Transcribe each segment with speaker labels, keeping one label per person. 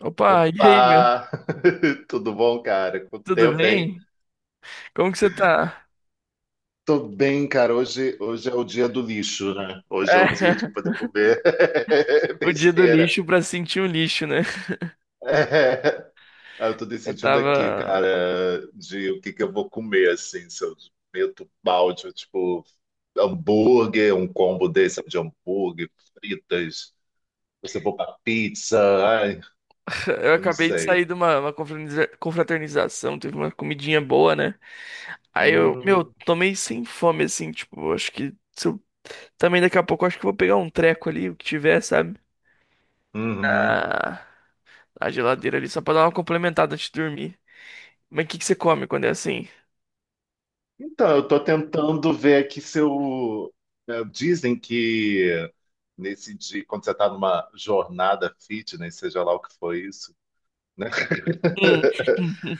Speaker 1: Opa, e aí, meu?
Speaker 2: Opa! Tudo bom, cara? Quanto
Speaker 1: Tudo
Speaker 2: tempo, hein?
Speaker 1: bem? Como que você tá?
Speaker 2: Tô bem, cara. Hoje é o dia do lixo, né? Hoje é
Speaker 1: É,
Speaker 2: o dia de poder comer
Speaker 1: o dia do
Speaker 2: besteira.
Speaker 1: lixo pra sentir o lixo, né?
Speaker 2: É. Aí eu tô
Speaker 1: Eu
Speaker 2: decidindo aqui,
Speaker 1: tava.
Speaker 2: cara, de o que que eu vou comer, assim, se eu meto balde, eu, tipo, hambúrguer, um combo desse sabe, de hambúrguer, fritas, se eu vou pra pizza, ai,
Speaker 1: Eu
Speaker 2: eu não
Speaker 1: acabei de
Speaker 2: sei.
Speaker 1: sair de uma confraternização, teve uma comidinha boa, né? Aí eu, meu,
Speaker 2: Hum,
Speaker 1: tomei sem fome, assim, tipo, acho que. Se eu- Também daqui a pouco eu acho que eu vou pegar um treco ali, o que tiver, sabe?
Speaker 2: uhum.
Speaker 1: A, a geladeira ali, só pra dar uma complementada antes de dormir. Mas o que que você come quando é assim?
Speaker 2: Então, eu tô tentando ver aqui se eu. Dizem que nesse dia, quando você tá numa jornada fitness, seja lá o que for isso, né?
Speaker 1: Hum,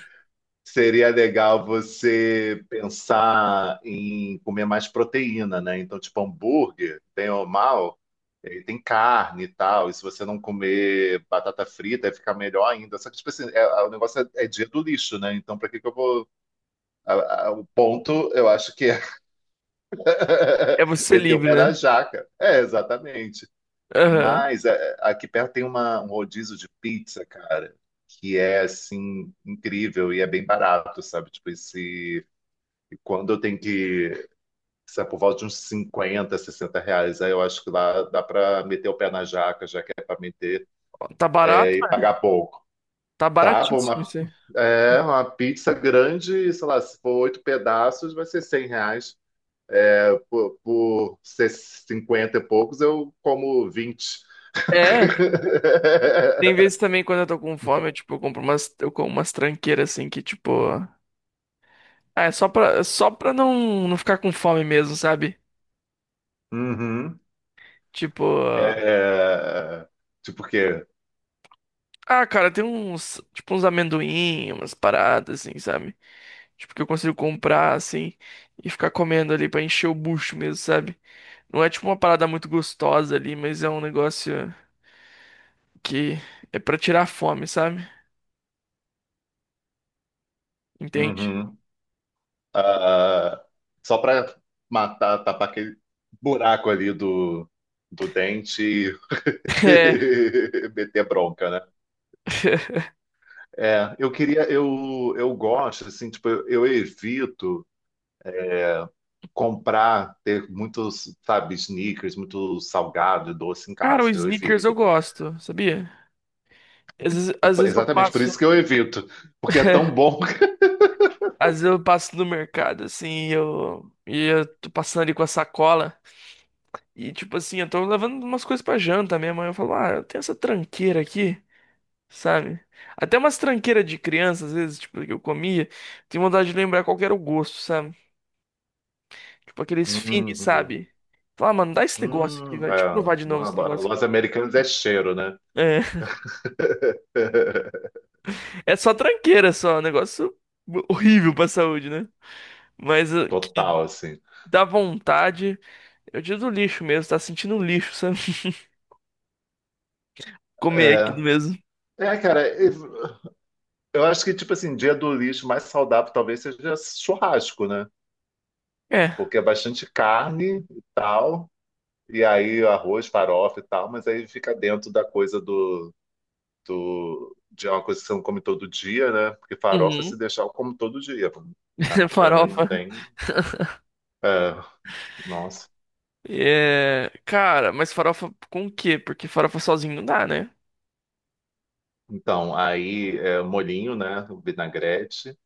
Speaker 2: Seria legal você pensar em comer mais proteína, né? Então, tipo, hambúrguer, bem ou mal, ele tem carne e tal. E se você não comer batata frita, vai ficar melhor ainda. Só que, tipo assim, o negócio é, é dia do lixo, né? Então, pra que que eu vou. O ponto, eu acho que é.
Speaker 1: é você
Speaker 2: Meteu o pé
Speaker 1: livre,
Speaker 2: da
Speaker 1: né?
Speaker 2: jaca. É, exatamente.
Speaker 1: Aham.
Speaker 2: Mas é, aqui perto tem um rodízio de pizza, cara, que é assim incrível e é bem barato, sabe? Tipo, esse, quando eu tenho que, sabe, por volta de uns 50, R$ 60, aí eu acho que lá dá pra meter o pé na jaca, já que é pra meter,
Speaker 1: Tá
Speaker 2: é,
Speaker 1: barato?
Speaker 2: e pagar pouco.
Speaker 1: Tá
Speaker 2: Tá, pô,
Speaker 1: baratíssimo
Speaker 2: uma,
Speaker 1: isso aí.
Speaker 2: é, uma pizza grande, sei lá, se for oito pedaços, vai ser R$ 100. Por ser 50 e poucos, eu como 20.
Speaker 1: É, tem vezes também quando eu tô com fome, eu, tipo, eu compro umas, eu como umas tranqueiras assim que, tipo, ah, é só pra não ficar com fome mesmo, sabe?
Speaker 2: Uhum.
Speaker 1: Tipo,
Speaker 2: É, tipo o quê?
Speaker 1: ah, cara, tem uns, tipo, uns amendoim, umas paradas assim, sabe? Tipo, que eu consigo comprar assim e ficar comendo ali pra encher o bucho mesmo, sabe? Não é tipo uma parada muito gostosa ali, mas é um negócio que é pra tirar a fome, sabe? Entende?
Speaker 2: Uhum. Ah, só para matar, tapar aquele buraco ali do dente e
Speaker 1: É.
Speaker 2: meter bronca, né? É, eu queria, eu gosto, assim, tipo, eu evito comprar, ter muitos, sabe, sneakers, muito salgado, e doce em
Speaker 1: Cara, o
Speaker 2: casa, eu
Speaker 1: Snickers eu
Speaker 2: evito.
Speaker 1: gosto, sabia? Às vezes eu
Speaker 2: Exatamente por
Speaker 1: passo,
Speaker 2: isso que eu evito, porque é tão bom.
Speaker 1: às vezes eu passo no mercado, assim, e eu tô passando ali com a sacola, e tipo assim, eu tô levando umas coisas pra janta mesmo, aí eu falo, ah, eu tenho essa tranqueira aqui, sabe? Até umas tranqueiras de criança, às vezes, tipo, que eu comia, tenho vontade de lembrar qual que era o gosto, sabe? Tipo, aqueles fini,
Speaker 2: Uhum.
Speaker 1: sabe? Falar, ah, mano, dá esse negócio aqui, vai, deixa eu
Speaker 2: É.
Speaker 1: provar de novo
Speaker 2: Não,
Speaker 1: esse negócio aqui.
Speaker 2: Los Americanos é cheiro, né?
Speaker 1: É, é só tranqueira, só, é um negócio horrível pra saúde, né? Mas que
Speaker 2: Total, assim.
Speaker 1: dá vontade. Eu digo do lixo mesmo, tá sentindo um lixo, sabe? Comer
Speaker 2: É,
Speaker 1: aquilo mesmo.
Speaker 2: é, cara, eu acho que, tipo assim, dia do lixo mais saudável talvez seja churrasco, né?
Speaker 1: É.
Speaker 2: Porque é bastante carne e tal, e aí arroz, farofa e tal, mas aí fica dentro da coisa do, de uma coisa que você não come todo dia, né? Porque farofa,
Speaker 1: Uhum.
Speaker 2: se deixar, eu como todo dia. Pra pra mim não
Speaker 1: Farofa.
Speaker 2: tem. É, nossa.
Speaker 1: É. Cara, mas farofa com o quê? Porque farofa sozinho não dá, né?
Speaker 2: Então, aí é, molhinho, né? Vinagrete.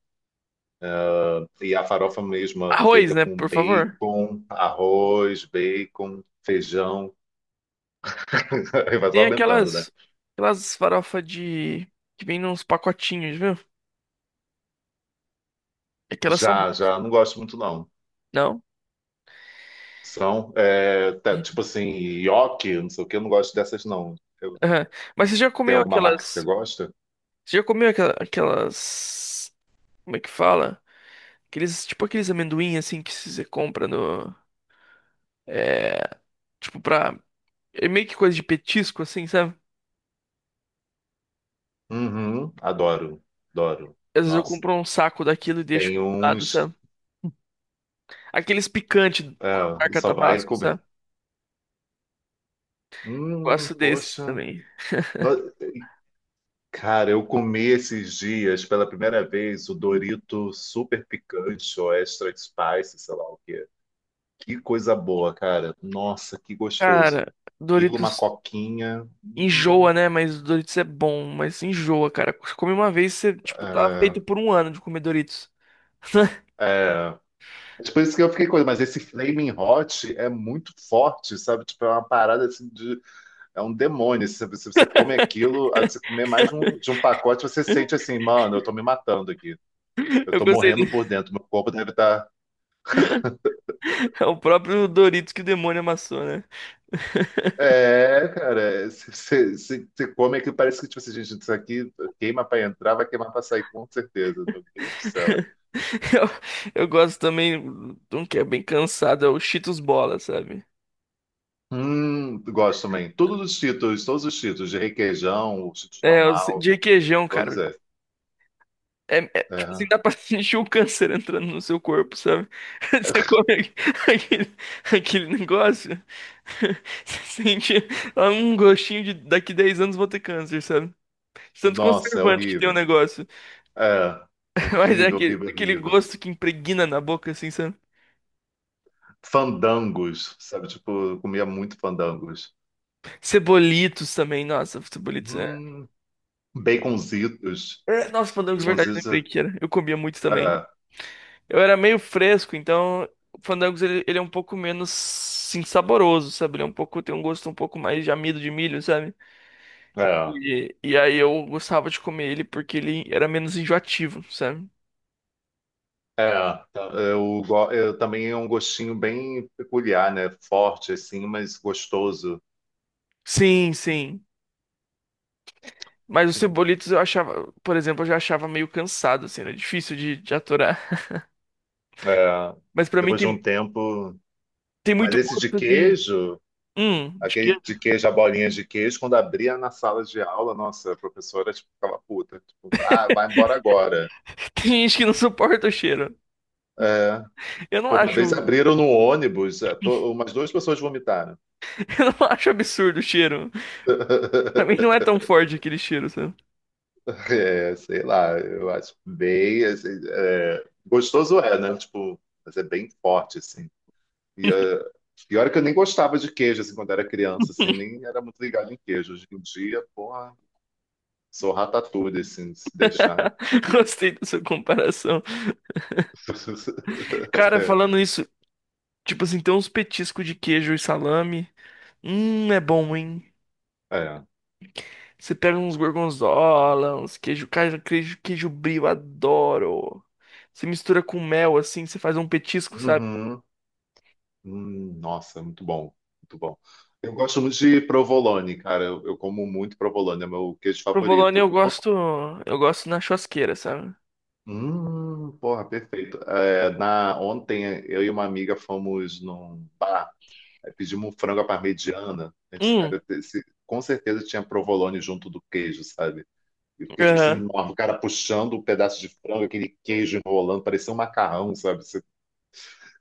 Speaker 2: E a farofa mesma
Speaker 1: Arroz,
Speaker 2: feita
Speaker 1: né?
Speaker 2: com
Speaker 1: Por favor.
Speaker 2: bacon, arroz, bacon, feijão. Aí vai só
Speaker 1: Tem
Speaker 2: aumentando, né?
Speaker 1: aquelas. Aquelas farofa de. Que vem nos pacotinhos, viu? Aquelas são
Speaker 2: Já,
Speaker 1: boas.
Speaker 2: já, não gosto muito, não.
Speaker 1: Não?
Speaker 2: São, é, tá, tipo assim, nhoque, não sei o que, eu não gosto dessas, não. Eu-
Speaker 1: Aham. Mas você já
Speaker 2: Tem
Speaker 1: comeu
Speaker 2: alguma marca que você
Speaker 1: aquelas.
Speaker 2: gosta?
Speaker 1: Você já comeu aquela- aquelas. Como é que fala? Aqueles. Tipo aqueles amendoim assim que você compra no. É, tipo, pra é meio que coisa de petisco, assim, sabe?
Speaker 2: Uhum, adoro, adoro.
Speaker 1: Às vezes eu
Speaker 2: Nossa,
Speaker 1: compro um saco daquilo e deixo
Speaker 2: tem
Speaker 1: do lado,
Speaker 2: uns.
Speaker 1: sabe? Aqueles picantes com a
Speaker 2: É,
Speaker 1: marca
Speaker 2: só vai
Speaker 1: Tabasco,
Speaker 2: comer.
Speaker 1: sabe? Gosto desses
Speaker 2: Poxa.
Speaker 1: também.
Speaker 2: Cara, eu comi esses dias pela primeira vez o Dorito super picante ou extra spice, sei lá o quê. Que coisa boa, cara. Nossa, que gostoso.
Speaker 1: Cara,
Speaker 2: Aquilo, uma
Speaker 1: Doritos
Speaker 2: coquinha.
Speaker 1: enjoa, né? Mas Doritos é bom, mas enjoa, cara. Você come uma vez, você, tipo, tá feito por um ano de comer Doritos.
Speaker 2: É, é. Mas por isso que eu fiquei com. Mas esse Flaming Hot é muito forte, sabe? Tipo, é uma parada assim de. É um demônio. Se você come aquilo, aí você comer mais de um pacote, você sente assim, mano, eu tô me matando aqui. Eu
Speaker 1: Eu
Speaker 2: tô
Speaker 1: gostei
Speaker 2: morrendo
Speaker 1: dele.
Speaker 2: por dentro. Meu corpo deve estar.
Speaker 1: É o próprio Doritos que o demônio amassou, né?
Speaker 2: É, cara, você come aquilo, parece que, tipo assim, gente, isso aqui queima pra entrar, vai queimar pra sair, com certeza. Meu Deus do céu.
Speaker 1: Eu, eu gosto também de um que é bem cansado, é o Cheetos Bola, sabe?
Speaker 2: Gosto também. Todos os títulos, de requeijão, o título
Speaker 1: É, os
Speaker 2: normal,
Speaker 1: de requeijão,
Speaker 2: todos
Speaker 1: cara.
Speaker 2: esses.
Speaker 1: Tipo assim,
Speaker 2: É.
Speaker 1: dá pra sentir o câncer entrando no seu corpo, sabe? Você come aquele, aquele negócio, você sente ah, um gostinho de daqui 10 anos vou ter câncer, sabe? De tanto
Speaker 2: Nossa, é
Speaker 1: conservante que tem o
Speaker 2: horrível.
Speaker 1: negócio.
Speaker 2: É,
Speaker 1: Mas é
Speaker 2: horrível,
Speaker 1: aquele,
Speaker 2: horrível,
Speaker 1: aquele
Speaker 2: horrível.
Speaker 1: gosto que impregna na boca, assim, sabe?
Speaker 2: Fandangos, sabe? Tipo, eu comia muito fandangos.
Speaker 1: Cebolitos também, nossa, cebolitos é.
Speaker 2: Hum, baconzitos.
Speaker 1: É, nossa, fandangos de verdade, lembrei
Speaker 2: Baconzitos,
Speaker 1: que era. Eu comia muito também.
Speaker 2: é,
Speaker 1: Eu era meio fresco, então o Fandangos ele é um pouco menos sim saboroso, sabe? Ele é um pouco tem um gosto um pouco mais de amido de milho, sabe?
Speaker 2: é.
Speaker 1: E aí eu gostava de comer ele porque ele era menos enjoativo, sabe?
Speaker 2: É, tá. Eu também é um gostinho bem peculiar, né? Forte, assim, mas gostoso.
Speaker 1: Sim, sim. Mas os cebolitos eu achava, por exemplo, eu já achava meio cansado, assim, era difícil de aturar.
Speaker 2: É,
Speaker 1: Mas pra mim
Speaker 2: depois de um
Speaker 1: tem,
Speaker 2: tempo.
Speaker 1: tem
Speaker 2: Mas
Speaker 1: muito
Speaker 2: esse de
Speaker 1: gosto de.
Speaker 2: queijo,
Speaker 1: De que
Speaker 2: aquele de queijo, a bolinha de queijo, quando abria na sala de aula, nossa, a professora, tipo, ficava puta. Tipo, ah, vai embora agora.
Speaker 1: tem gente que não suporta o cheiro.
Speaker 2: É,
Speaker 1: Eu não
Speaker 2: pô, uma
Speaker 1: acho,
Speaker 2: vez
Speaker 1: eu
Speaker 2: abriram no ônibus, umas duas pessoas vomitaram.
Speaker 1: não acho absurdo o cheiro. Pra mim não é tão forte aquele cheiro, sabe?
Speaker 2: É, sei lá, eu acho bem, assim, é, gostoso é, né? Tipo, mas é bem forte, assim. E ah, e é que eu nem gostava de queijo, assim, quando era criança, assim, nem era muito ligado em queijo. Hoje em dia, porra, sou ratatouille, assim, se deixar.
Speaker 1: Gostei da sua comparação. Cara, falando isso, tipo assim, tem uns petiscos de queijo e salame. É bom, hein?
Speaker 2: É.
Speaker 1: Você pega uns gorgonzola, uns queijo, cara, queijo, queijo brie, eu adoro. Você mistura com mel, assim, você faz um petisco, sabe?
Speaker 2: Uhum. Nossa, muito bom, muito bom. Eu gosto muito de provolone, cara. Eu como muito provolone, é meu queijo
Speaker 1: Provolone
Speaker 2: favorito.
Speaker 1: eu gosto na churrasqueira, sabe?
Speaker 2: Porra, perfeito. É, ontem eu e uma amiga fomos num bar. Aí pedimos um frango à parmegiana. A gente,
Speaker 1: Hum,
Speaker 2: cara, com certeza tinha provolone junto do queijo, sabe? E o queijo precisa
Speaker 1: aham.
Speaker 2: enorme. O cara puxando um pedaço de frango, aquele queijo enrolando, parecia um macarrão, sabe?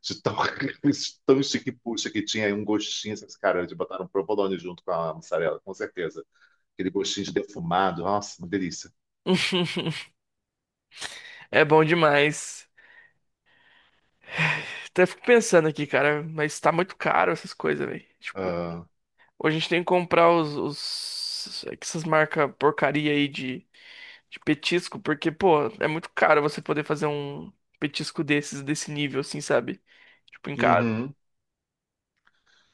Speaker 2: De tão, tão chique-puxa que tinha aí um gostinho, sabe? Cara, de botar um provolone junto com a mussarela, com certeza. Aquele gostinho de defumado. Nossa, uma delícia.
Speaker 1: É bom demais. Até fico pensando aqui, cara, mas tá muito caro essas coisas, velho. Tipo,
Speaker 2: Ah,
Speaker 1: ou a gente tem que comprar os- essas marcas porcaria aí de petisco, porque, pô, é muito caro você poder fazer um petisco desses, desse nível, assim, sabe? Tipo, em casa.
Speaker 2: uhum.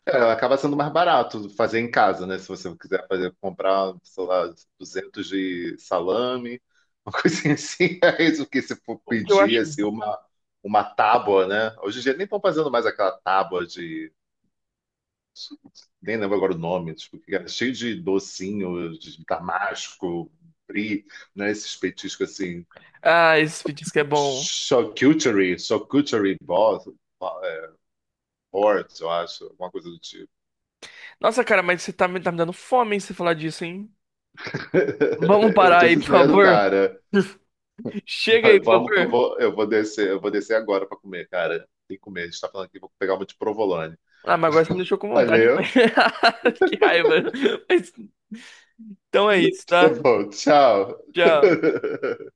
Speaker 2: É, acaba sendo mais barato fazer em casa, né? Se você quiser fazer, comprar, sei lá, 200 de salame, uma coisinha assim, é isso que se for
Speaker 1: O que eu
Speaker 2: pedir,
Speaker 1: acho.
Speaker 2: assim, uma tábua, né? Hoje em dia nem estão fazendo mais aquela tábua de... Nem lembro agora o nome, tipo, que era cheio de docinho, de damasco, brie, né? Esses petiscos, assim,
Speaker 1: Ah, esse petisco é bom.
Speaker 2: charcuterie board, eu acho, alguma coisa do tipo.
Speaker 1: Nossa, cara, mas você tá me dando fome, hein, você falar disso, hein? Vamos
Speaker 2: Eu
Speaker 1: parar
Speaker 2: tô
Speaker 1: aí, por
Speaker 2: dizendo,
Speaker 1: favor.
Speaker 2: cara.
Speaker 1: Chega aí, por
Speaker 2: Vamos que
Speaker 1: favor.
Speaker 2: eu vou descer agora para comer, cara. Tem que comer. A gente tá falando aqui, vou pegar uma de provolone.
Speaker 1: Ah, mas agora você me deixou com vontade.
Speaker 2: Valeu.
Speaker 1: Que raiva. Mas, então é isso,
Speaker 2: Tá
Speaker 1: tá?
Speaker 2: bom, tchau.
Speaker 1: Tchau.